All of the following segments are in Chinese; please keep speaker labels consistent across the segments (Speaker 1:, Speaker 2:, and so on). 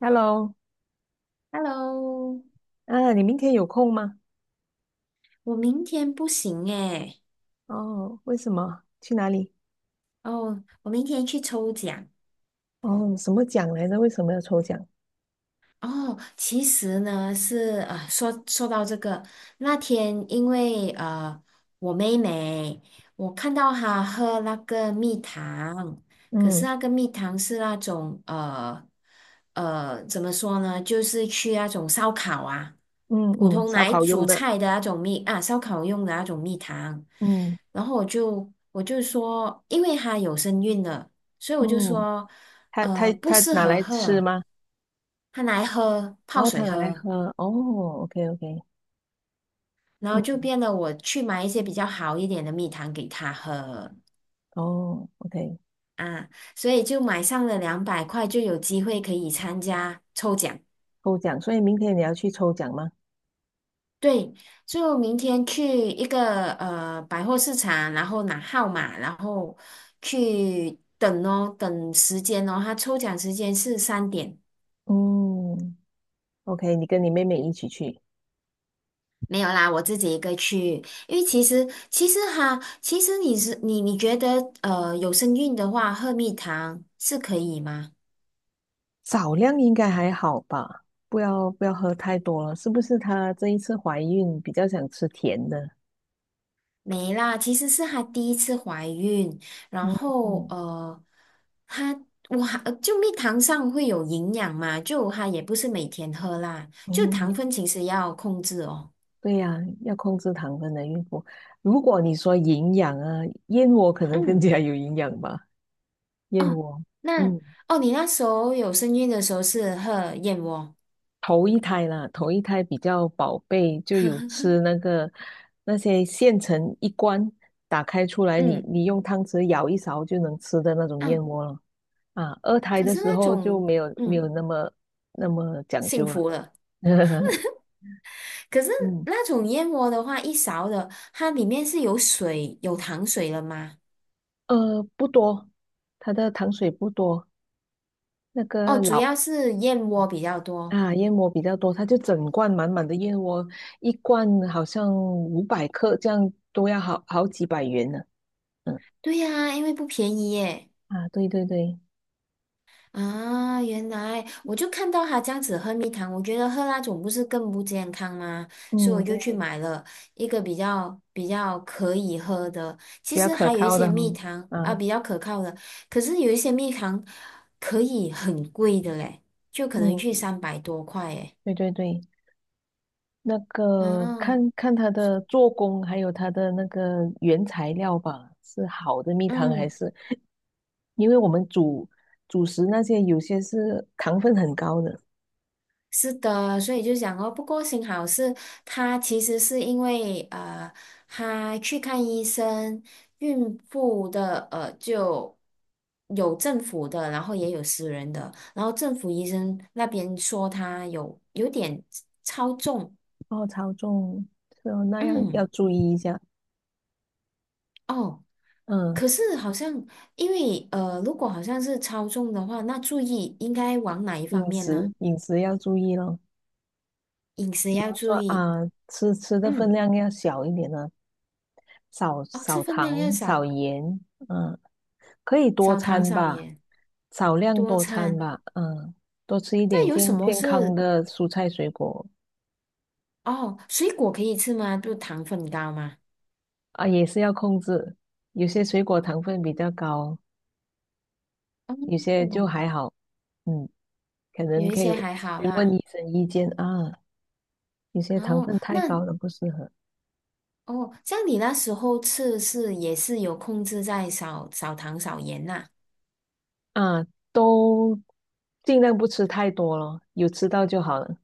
Speaker 1: Hello，
Speaker 2: Hello，
Speaker 1: 啊，你明天有空吗？
Speaker 2: 我明天不行诶。
Speaker 1: 哦，为什么？去哪里？
Speaker 2: 哦，我明天去抽奖。
Speaker 1: 哦，什么奖来着？为什么要抽奖？
Speaker 2: 哦，其实呢是啊，说到这个。那天因为我妹妹，我看到她喝那个蜜糖。可是
Speaker 1: 嗯
Speaker 2: 那个蜜糖是那种怎么说呢，就是去那种烧烤啊，
Speaker 1: 嗯
Speaker 2: 普
Speaker 1: 嗯，
Speaker 2: 通
Speaker 1: 烧
Speaker 2: 来
Speaker 1: 烤用
Speaker 2: 煮
Speaker 1: 的。
Speaker 2: 菜的那种蜜啊，烧烤用的那种蜜糖。
Speaker 1: 嗯
Speaker 2: 然后我就说，因为她有身孕了，所以我就
Speaker 1: 嗯，
Speaker 2: 说。
Speaker 1: 他他
Speaker 2: 不
Speaker 1: 他
Speaker 2: 适
Speaker 1: 拿
Speaker 2: 合
Speaker 1: 来吃
Speaker 2: 喝，
Speaker 1: 吗？
Speaker 2: 他拿来喝泡
Speaker 1: 哦，他
Speaker 2: 水
Speaker 1: 拿来
Speaker 2: 喝。
Speaker 1: 喝。哦，OK OK，
Speaker 2: 然后
Speaker 1: 嗯，
Speaker 2: 就变得我去买一些比较好一点的蜜糖给他喝
Speaker 1: 哦，OK，
Speaker 2: 啊。所以就买上了200块，就有机会可以参加抽奖。
Speaker 1: 抽奖。所以明天你要去抽奖吗？
Speaker 2: 对，就明天去一个百货市场，然后拿号码，然后去等哦，等时间哦，他抽奖时间是3点。
Speaker 1: 嗯，OK，你跟你妹妹一起去。
Speaker 2: 没有啦，我自己一个去。因为其实哈，其实你是你你觉得有身孕的话，喝蜜糖是可以吗？
Speaker 1: 少量应该还好吧，不要喝太多了。是不是她这一次怀孕比较想吃甜的？
Speaker 2: 没啦，其实是她第一次怀孕。然
Speaker 1: 嗯
Speaker 2: 后她我还就蜜糖上会有营养嘛，就她也不是每天喝啦，就
Speaker 1: 嗯，
Speaker 2: 糖分其实要控制哦。
Speaker 1: 对呀，要控制糖分的孕妇。如果你说营养啊，燕窝可能更
Speaker 2: 嗯，
Speaker 1: 加有营养吧。燕
Speaker 2: 哦，
Speaker 1: 窝，
Speaker 2: 那
Speaker 1: 嗯，
Speaker 2: 哦，你那时候有身孕的时候是喝燕窝。
Speaker 1: 头一胎啦，头一胎比较宝贝，就有吃那个那些现成一罐，打开出来你
Speaker 2: 嗯
Speaker 1: 你用汤匙舀一勺就能吃的那种燕
Speaker 2: 嗯，
Speaker 1: 窝了。啊，二胎
Speaker 2: 可
Speaker 1: 的
Speaker 2: 是
Speaker 1: 时
Speaker 2: 那
Speaker 1: 候就
Speaker 2: 种。
Speaker 1: 没有
Speaker 2: 嗯。
Speaker 1: 那么讲
Speaker 2: 幸
Speaker 1: 究了。
Speaker 2: 福了。可是
Speaker 1: 嗯，
Speaker 2: 那种燕窝的话，一勺的，它里面是有水、有糖水了吗？
Speaker 1: 不多，它的糖水不多。那
Speaker 2: 哦，
Speaker 1: 个
Speaker 2: 主
Speaker 1: 老
Speaker 2: 要是燕窝比较多。
Speaker 1: 啊，燕窝比较多，它就整罐满满的燕窝，一罐好像500克，这样都要好好几百元呢。嗯
Speaker 2: 对呀，因为不便宜耶。
Speaker 1: 啊，对对对，
Speaker 2: 啊，原来我就看到他这样子喝蜜糖，我觉得喝那种不是更不健康吗？所以
Speaker 1: 嗯
Speaker 2: 我就去
Speaker 1: 对，
Speaker 2: 买了一个比较可以喝的。其
Speaker 1: 比较
Speaker 2: 实
Speaker 1: 可
Speaker 2: 还有一
Speaker 1: 靠
Speaker 2: 些
Speaker 1: 的哈，
Speaker 2: 蜜糖啊，
Speaker 1: 啊，
Speaker 2: 比较可靠的。可是有一些蜜糖可以很贵的嘞，就可能去
Speaker 1: 嗯，
Speaker 2: 300多块耶。
Speaker 1: 对对对，那个看
Speaker 2: 哦，
Speaker 1: 看它的做工，还有它的那个原材料吧，是好的蜜糖还
Speaker 2: 嗯，
Speaker 1: 是？因为我们主食那些有些是糖分很高的。
Speaker 2: 是的。所以就讲哦，不过幸好是她其实是因为她去看医生，孕妇的就有政府的，然后也有私人的，然后政府医生那边说她有点超重。
Speaker 1: 哦，超重，是哦，那样要
Speaker 2: 嗯，
Speaker 1: 注意一下。
Speaker 2: 哦，
Speaker 1: 嗯。
Speaker 2: 可是好像因为如果好像是超重的话，那注意应该往哪一方
Speaker 1: 饮
Speaker 2: 面
Speaker 1: 食
Speaker 2: 呢？
Speaker 1: 饮食要注意咯，
Speaker 2: 饮食要注
Speaker 1: 说
Speaker 2: 意，
Speaker 1: 啊，吃的分
Speaker 2: 嗯，
Speaker 1: 量要小一点呢，少
Speaker 2: 哦，吃
Speaker 1: 少
Speaker 2: 分量要
Speaker 1: 糖少
Speaker 2: 少。
Speaker 1: 盐，嗯，可以多
Speaker 2: 少糖
Speaker 1: 餐
Speaker 2: 少
Speaker 1: 吧，
Speaker 2: 盐，
Speaker 1: 少量
Speaker 2: 多
Speaker 1: 多餐
Speaker 2: 餐。
Speaker 1: 吧，嗯，多吃一
Speaker 2: 那
Speaker 1: 点
Speaker 2: 有什
Speaker 1: 健
Speaker 2: 么
Speaker 1: 健康
Speaker 2: 是
Speaker 1: 的蔬菜水果
Speaker 2: 哦？水果可以吃吗？就糖分高吗？
Speaker 1: 啊，也是要控制，有些水果糖分比较高，有些就
Speaker 2: 哦，
Speaker 1: 还好，嗯，可能
Speaker 2: 有一
Speaker 1: 可以
Speaker 2: 些还好
Speaker 1: 询问
Speaker 2: 啦。
Speaker 1: 医生意见啊，有些糖
Speaker 2: 哦，
Speaker 1: 分太
Speaker 2: 那
Speaker 1: 高了不适合。
Speaker 2: 哦，像你那时候吃是也是有控制在少少糖少盐呐、
Speaker 1: 啊，都尽量不吃太多咯，有吃到就好了。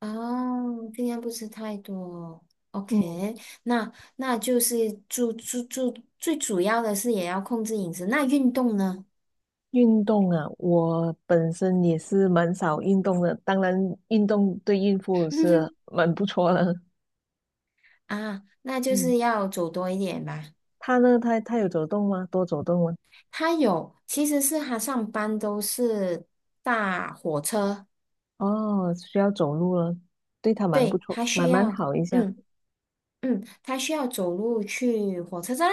Speaker 2: 哦，尽量不吃太多。
Speaker 1: 嗯，
Speaker 2: OK，那那就是主主主最主要的是也要控制饮食。那运动呢？
Speaker 1: 运动啊，我本身也是蛮少运动的，当然运动对孕妇是 蛮不错的。
Speaker 2: 啊，那就
Speaker 1: 嗯，
Speaker 2: 是要走多一点吧。
Speaker 1: 他呢，他有走动吗？多走动吗？
Speaker 2: 他有，其实是他上班都是搭火车。
Speaker 1: 哦，需要走路了，对他蛮不
Speaker 2: 对，
Speaker 1: 错，
Speaker 2: 他
Speaker 1: 蛮
Speaker 2: 需
Speaker 1: 蛮
Speaker 2: 要，
Speaker 1: 好一下。
Speaker 2: 嗯嗯，他需要走路去火车站。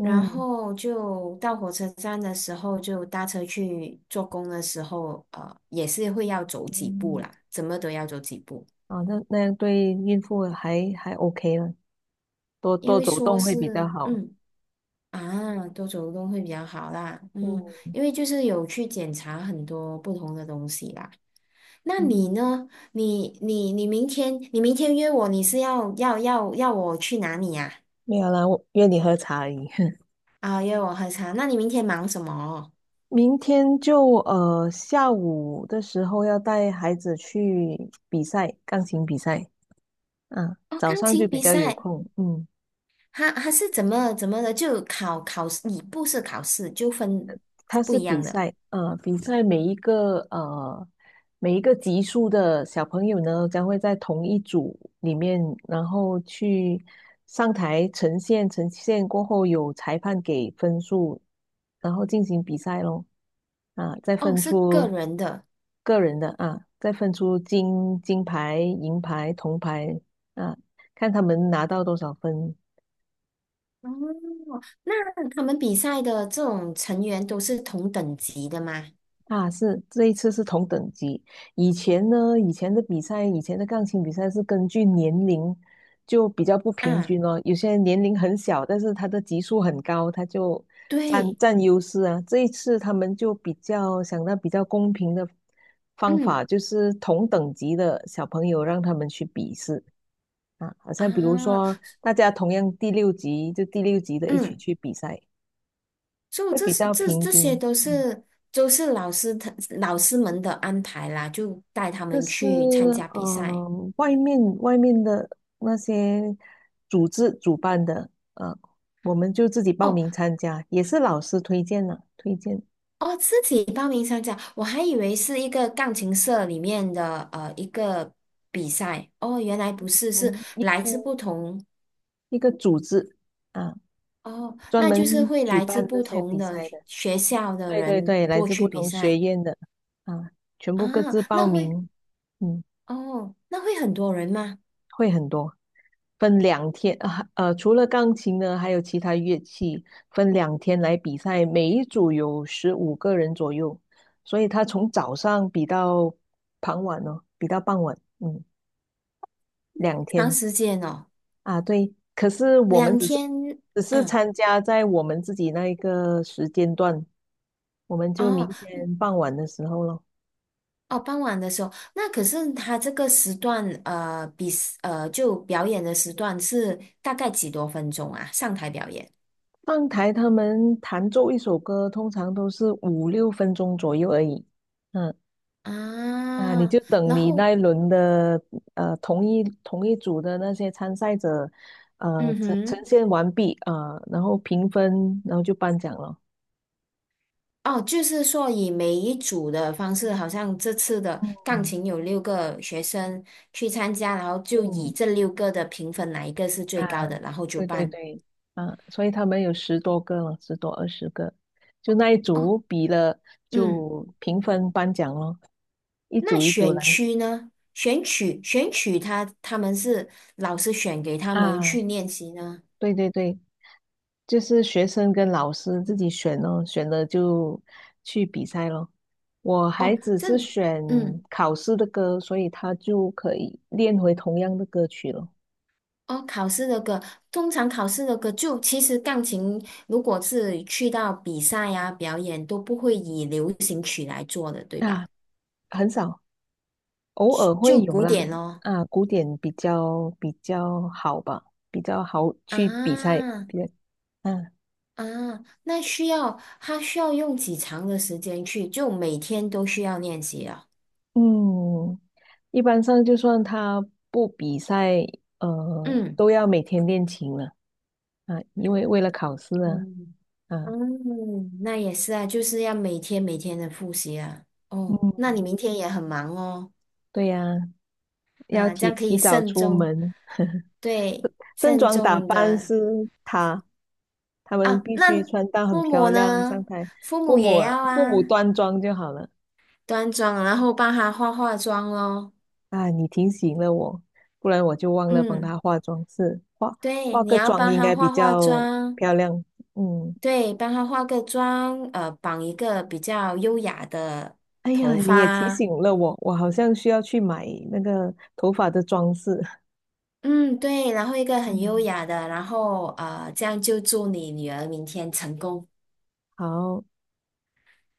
Speaker 2: 然后就到火车站的时候就搭车去做工的时候，也是会要走几步
Speaker 1: 嗯，
Speaker 2: 啦，怎么都要走几步。
Speaker 1: 哦，那样对孕妇还 OK 了，多
Speaker 2: 因
Speaker 1: 多
Speaker 2: 为
Speaker 1: 走
Speaker 2: 说
Speaker 1: 动会比较
Speaker 2: 是，
Speaker 1: 好。
Speaker 2: 嗯啊，多走动会比较好啦，嗯。
Speaker 1: 嗯
Speaker 2: 因为就是有去检查很多不同的东西啦。那你
Speaker 1: 嗯，
Speaker 2: 呢？你明天约我，你是要我去哪里呀、
Speaker 1: 没有啦，我约你喝茶而已。
Speaker 2: 啊？约我喝茶。那你明天忙什么？
Speaker 1: 明天就下午的时候要带孩子去比赛，钢琴比赛。嗯，
Speaker 2: 哦，
Speaker 1: 早
Speaker 2: 钢
Speaker 1: 上就
Speaker 2: 琴
Speaker 1: 比
Speaker 2: 比
Speaker 1: 较有
Speaker 2: 赛。
Speaker 1: 空。嗯。
Speaker 2: 他是怎么的？就考试，你不是考试，就分是
Speaker 1: 它
Speaker 2: 不
Speaker 1: 是
Speaker 2: 一
Speaker 1: 比
Speaker 2: 样的。
Speaker 1: 赛，比赛每一个级数的小朋友呢，将会在同一组里面，然后去上台呈现，呈现过后有裁判给分数，然后进行比赛咯。啊，再
Speaker 2: 哦，
Speaker 1: 分
Speaker 2: 是个
Speaker 1: 出
Speaker 2: 人的。
Speaker 1: 个人的啊，再分出金牌、银牌、铜牌啊，看他们拿到多少分
Speaker 2: 哦，那他们比赛的这种成员都是同等级的吗？
Speaker 1: 啊，是这一次是同等级。以前呢，以前的比赛，以前的钢琴比赛是根据年龄，就比较不平
Speaker 2: 啊，
Speaker 1: 均哦。有些人年龄很小，但是他的级数很高，他就占
Speaker 2: 对，
Speaker 1: 占优势啊。这一次他们就比较想到比较公平的方
Speaker 2: 嗯
Speaker 1: 法，就是同等级的小朋友让他们去比试啊，好像比如
Speaker 2: 啊，
Speaker 1: 说大家同样第六级，就第六级的一起
Speaker 2: 嗯。
Speaker 1: 去比赛，
Speaker 2: 就
Speaker 1: 会
Speaker 2: 这
Speaker 1: 比
Speaker 2: 是
Speaker 1: 较
Speaker 2: 这
Speaker 1: 平
Speaker 2: 这些
Speaker 1: 均。
Speaker 2: 都
Speaker 1: 嗯
Speaker 2: 是都是老师们的安排啦，就带他
Speaker 1: 就
Speaker 2: 们
Speaker 1: 是
Speaker 2: 去参加比赛。
Speaker 1: 外面的那些组织主办的，我们就自己报
Speaker 2: 哦
Speaker 1: 名参加，也是老师推荐的，推荐，
Speaker 2: 哦，自己报名参加，我还以为是一个钢琴社里面的一个比赛。哦，原来不是，是
Speaker 1: 嗯，一
Speaker 2: 来自
Speaker 1: 个
Speaker 2: 不同。
Speaker 1: 一个组织啊，
Speaker 2: 哦，
Speaker 1: 专
Speaker 2: 那就是
Speaker 1: 门
Speaker 2: 会
Speaker 1: 举
Speaker 2: 来自
Speaker 1: 办这
Speaker 2: 不
Speaker 1: 些
Speaker 2: 同
Speaker 1: 比
Speaker 2: 的
Speaker 1: 赛
Speaker 2: 学
Speaker 1: 的，
Speaker 2: 学校的
Speaker 1: 对对
Speaker 2: 人
Speaker 1: 对，来
Speaker 2: 过
Speaker 1: 自
Speaker 2: 去
Speaker 1: 不
Speaker 2: 比
Speaker 1: 同学
Speaker 2: 赛
Speaker 1: 院的啊，全部各
Speaker 2: 啊。
Speaker 1: 自
Speaker 2: 那
Speaker 1: 报
Speaker 2: 会
Speaker 1: 名，嗯。
Speaker 2: 哦，那会很多人吗？
Speaker 1: 会很多，分两天啊，除了钢琴呢，还有其他乐器，分两天来比赛，每一组有15个人左右，所以他从早上比到傍晚哦，比到傍晚，嗯，两
Speaker 2: 长
Speaker 1: 天
Speaker 2: 时间哦，
Speaker 1: 啊，对。可是我们
Speaker 2: 两
Speaker 1: 只是
Speaker 2: 天。嗯。
Speaker 1: 参加在我们自己那一个时间段，我们就
Speaker 2: 哦
Speaker 1: 明天傍晚的时候咯。
Speaker 2: 哦，傍晚的时候，那可是他这个时段，就表演的时段是大概几多分钟啊？上台表演
Speaker 1: 上台他们弹奏一首歌，通常都是五六分钟左右而已。嗯，啊，你
Speaker 2: 啊，
Speaker 1: 就等
Speaker 2: 然
Speaker 1: 你那
Speaker 2: 后
Speaker 1: 一轮的同一组的那些参赛者，
Speaker 2: 嗯
Speaker 1: 呈
Speaker 2: 哼，
Speaker 1: 现完毕啊，然后评分，然后就颁奖了。
Speaker 2: 哦，就是说以每一组的方式，好像这次的钢
Speaker 1: 嗯
Speaker 2: 琴有6个学生去参加，然后就以
Speaker 1: 嗯
Speaker 2: 这六个的评分哪一个是最
Speaker 1: 啊，
Speaker 2: 高的，然后就
Speaker 1: 对对
Speaker 2: 办。
Speaker 1: 对啊，所以他们有十多个了，十多二十个，就那一
Speaker 2: 哦，
Speaker 1: 组比了
Speaker 2: 嗯，
Speaker 1: 就评分颁奖咯，一
Speaker 2: 那
Speaker 1: 组一组
Speaker 2: 选
Speaker 1: 来
Speaker 2: 区呢？选曲他们是老师选给他们
Speaker 1: 啊，
Speaker 2: 去练习呢？
Speaker 1: 对对对，就是学生跟老师自己选哦，选了就去比赛咯。我孩
Speaker 2: 哦，
Speaker 1: 子
Speaker 2: 这，
Speaker 1: 是选
Speaker 2: 嗯，
Speaker 1: 考试的歌，所以他就可以练回同样的歌曲咯。
Speaker 2: 哦，考试的歌，通常考试的歌就其实钢琴，如果是去到比赛呀、表演，都不会以流行曲来做的，对吧？
Speaker 1: 啊，很少，偶尔
Speaker 2: 就
Speaker 1: 会
Speaker 2: 就
Speaker 1: 有
Speaker 2: 古
Speaker 1: 啦。
Speaker 2: 典咯。
Speaker 1: 啊，古典比较好吧，比较好去比赛，
Speaker 2: 啊
Speaker 1: 比较嗯
Speaker 2: 啊，那需要他需要用几长的时间去，就每天都需要练习啊。
Speaker 1: 嗯，一般上就算他不比赛，
Speaker 2: 嗯
Speaker 1: 都要每天练琴了啊，为了考试啊，
Speaker 2: 嗯，
Speaker 1: 啊。
Speaker 2: 嗯，那也是啊，就是要每天的复习啊。哦，那你明天也很忙哦。
Speaker 1: 对呀，要
Speaker 2: 啊，这样
Speaker 1: 提
Speaker 2: 可
Speaker 1: 提
Speaker 2: 以
Speaker 1: 早
Speaker 2: 慎
Speaker 1: 出
Speaker 2: 重，
Speaker 1: 门，
Speaker 2: 对，
Speaker 1: 盛
Speaker 2: 慎
Speaker 1: 装打
Speaker 2: 重
Speaker 1: 扮
Speaker 2: 的
Speaker 1: 是他们
Speaker 2: 啊。
Speaker 1: 必须
Speaker 2: 那
Speaker 1: 穿到很
Speaker 2: 父
Speaker 1: 漂
Speaker 2: 母
Speaker 1: 亮上
Speaker 2: 呢？
Speaker 1: 台。
Speaker 2: 父
Speaker 1: 父
Speaker 2: 母
Speaker 1: 母
Speaker 2: 也
Speaker 1: 啊，
Speaker 2: 要
Speaker 1: 父母
Speaker 2: 啊，
Speaker 1: 端庄就好了。
Speaker 2: 端庄，然后帮他化妆咯。
Speaker 1: 啊，你提醒了我，不然我就忘了帮
Speaker 2: 嗯，
Speaker 1: 他化妆是化
Speaker 2: 对，
Speaker 1: 化
Speaker 2: 你
Speaker 1: 个
Speaker 2: 要
Speaker 1: 妆
Speaker 2: 帮
Speaker 1: 应
Speaker 2: 他
Speaker 1: 该比
Speaker 2: 化化
Speaker 1: 较
Speaker 2: 妆，
Speaker 1: 漂亮。嗯，
Speaker 2: 对，帮他化个妆，绑一个比较优雅的
Speaker 1: 哎呀，
Speaker 2: 头
Speaker 1: 你也提
Speaker 2: 发。
Speaker 1: 醒了我，我好像需要去买那个头发的装饰。
Speaker 2: 嗯，对，然后一个
Speaker 1: 哎，
Speaker 2: 很优雅的，然后这样就祝你女儿明天成功。
Speaker 1: 好，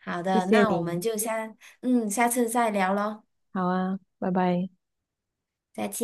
Speaker 2: 好
Speaker 1: 谢
Speaker 2: 的，
Speaker 1: 谢
Speaker 2: 那我们
Speaker 1: 你，
Speaker 2: 就下次再聊咯，
Speaker 1: 好啊，拜拜。
Speaker 2: 再见。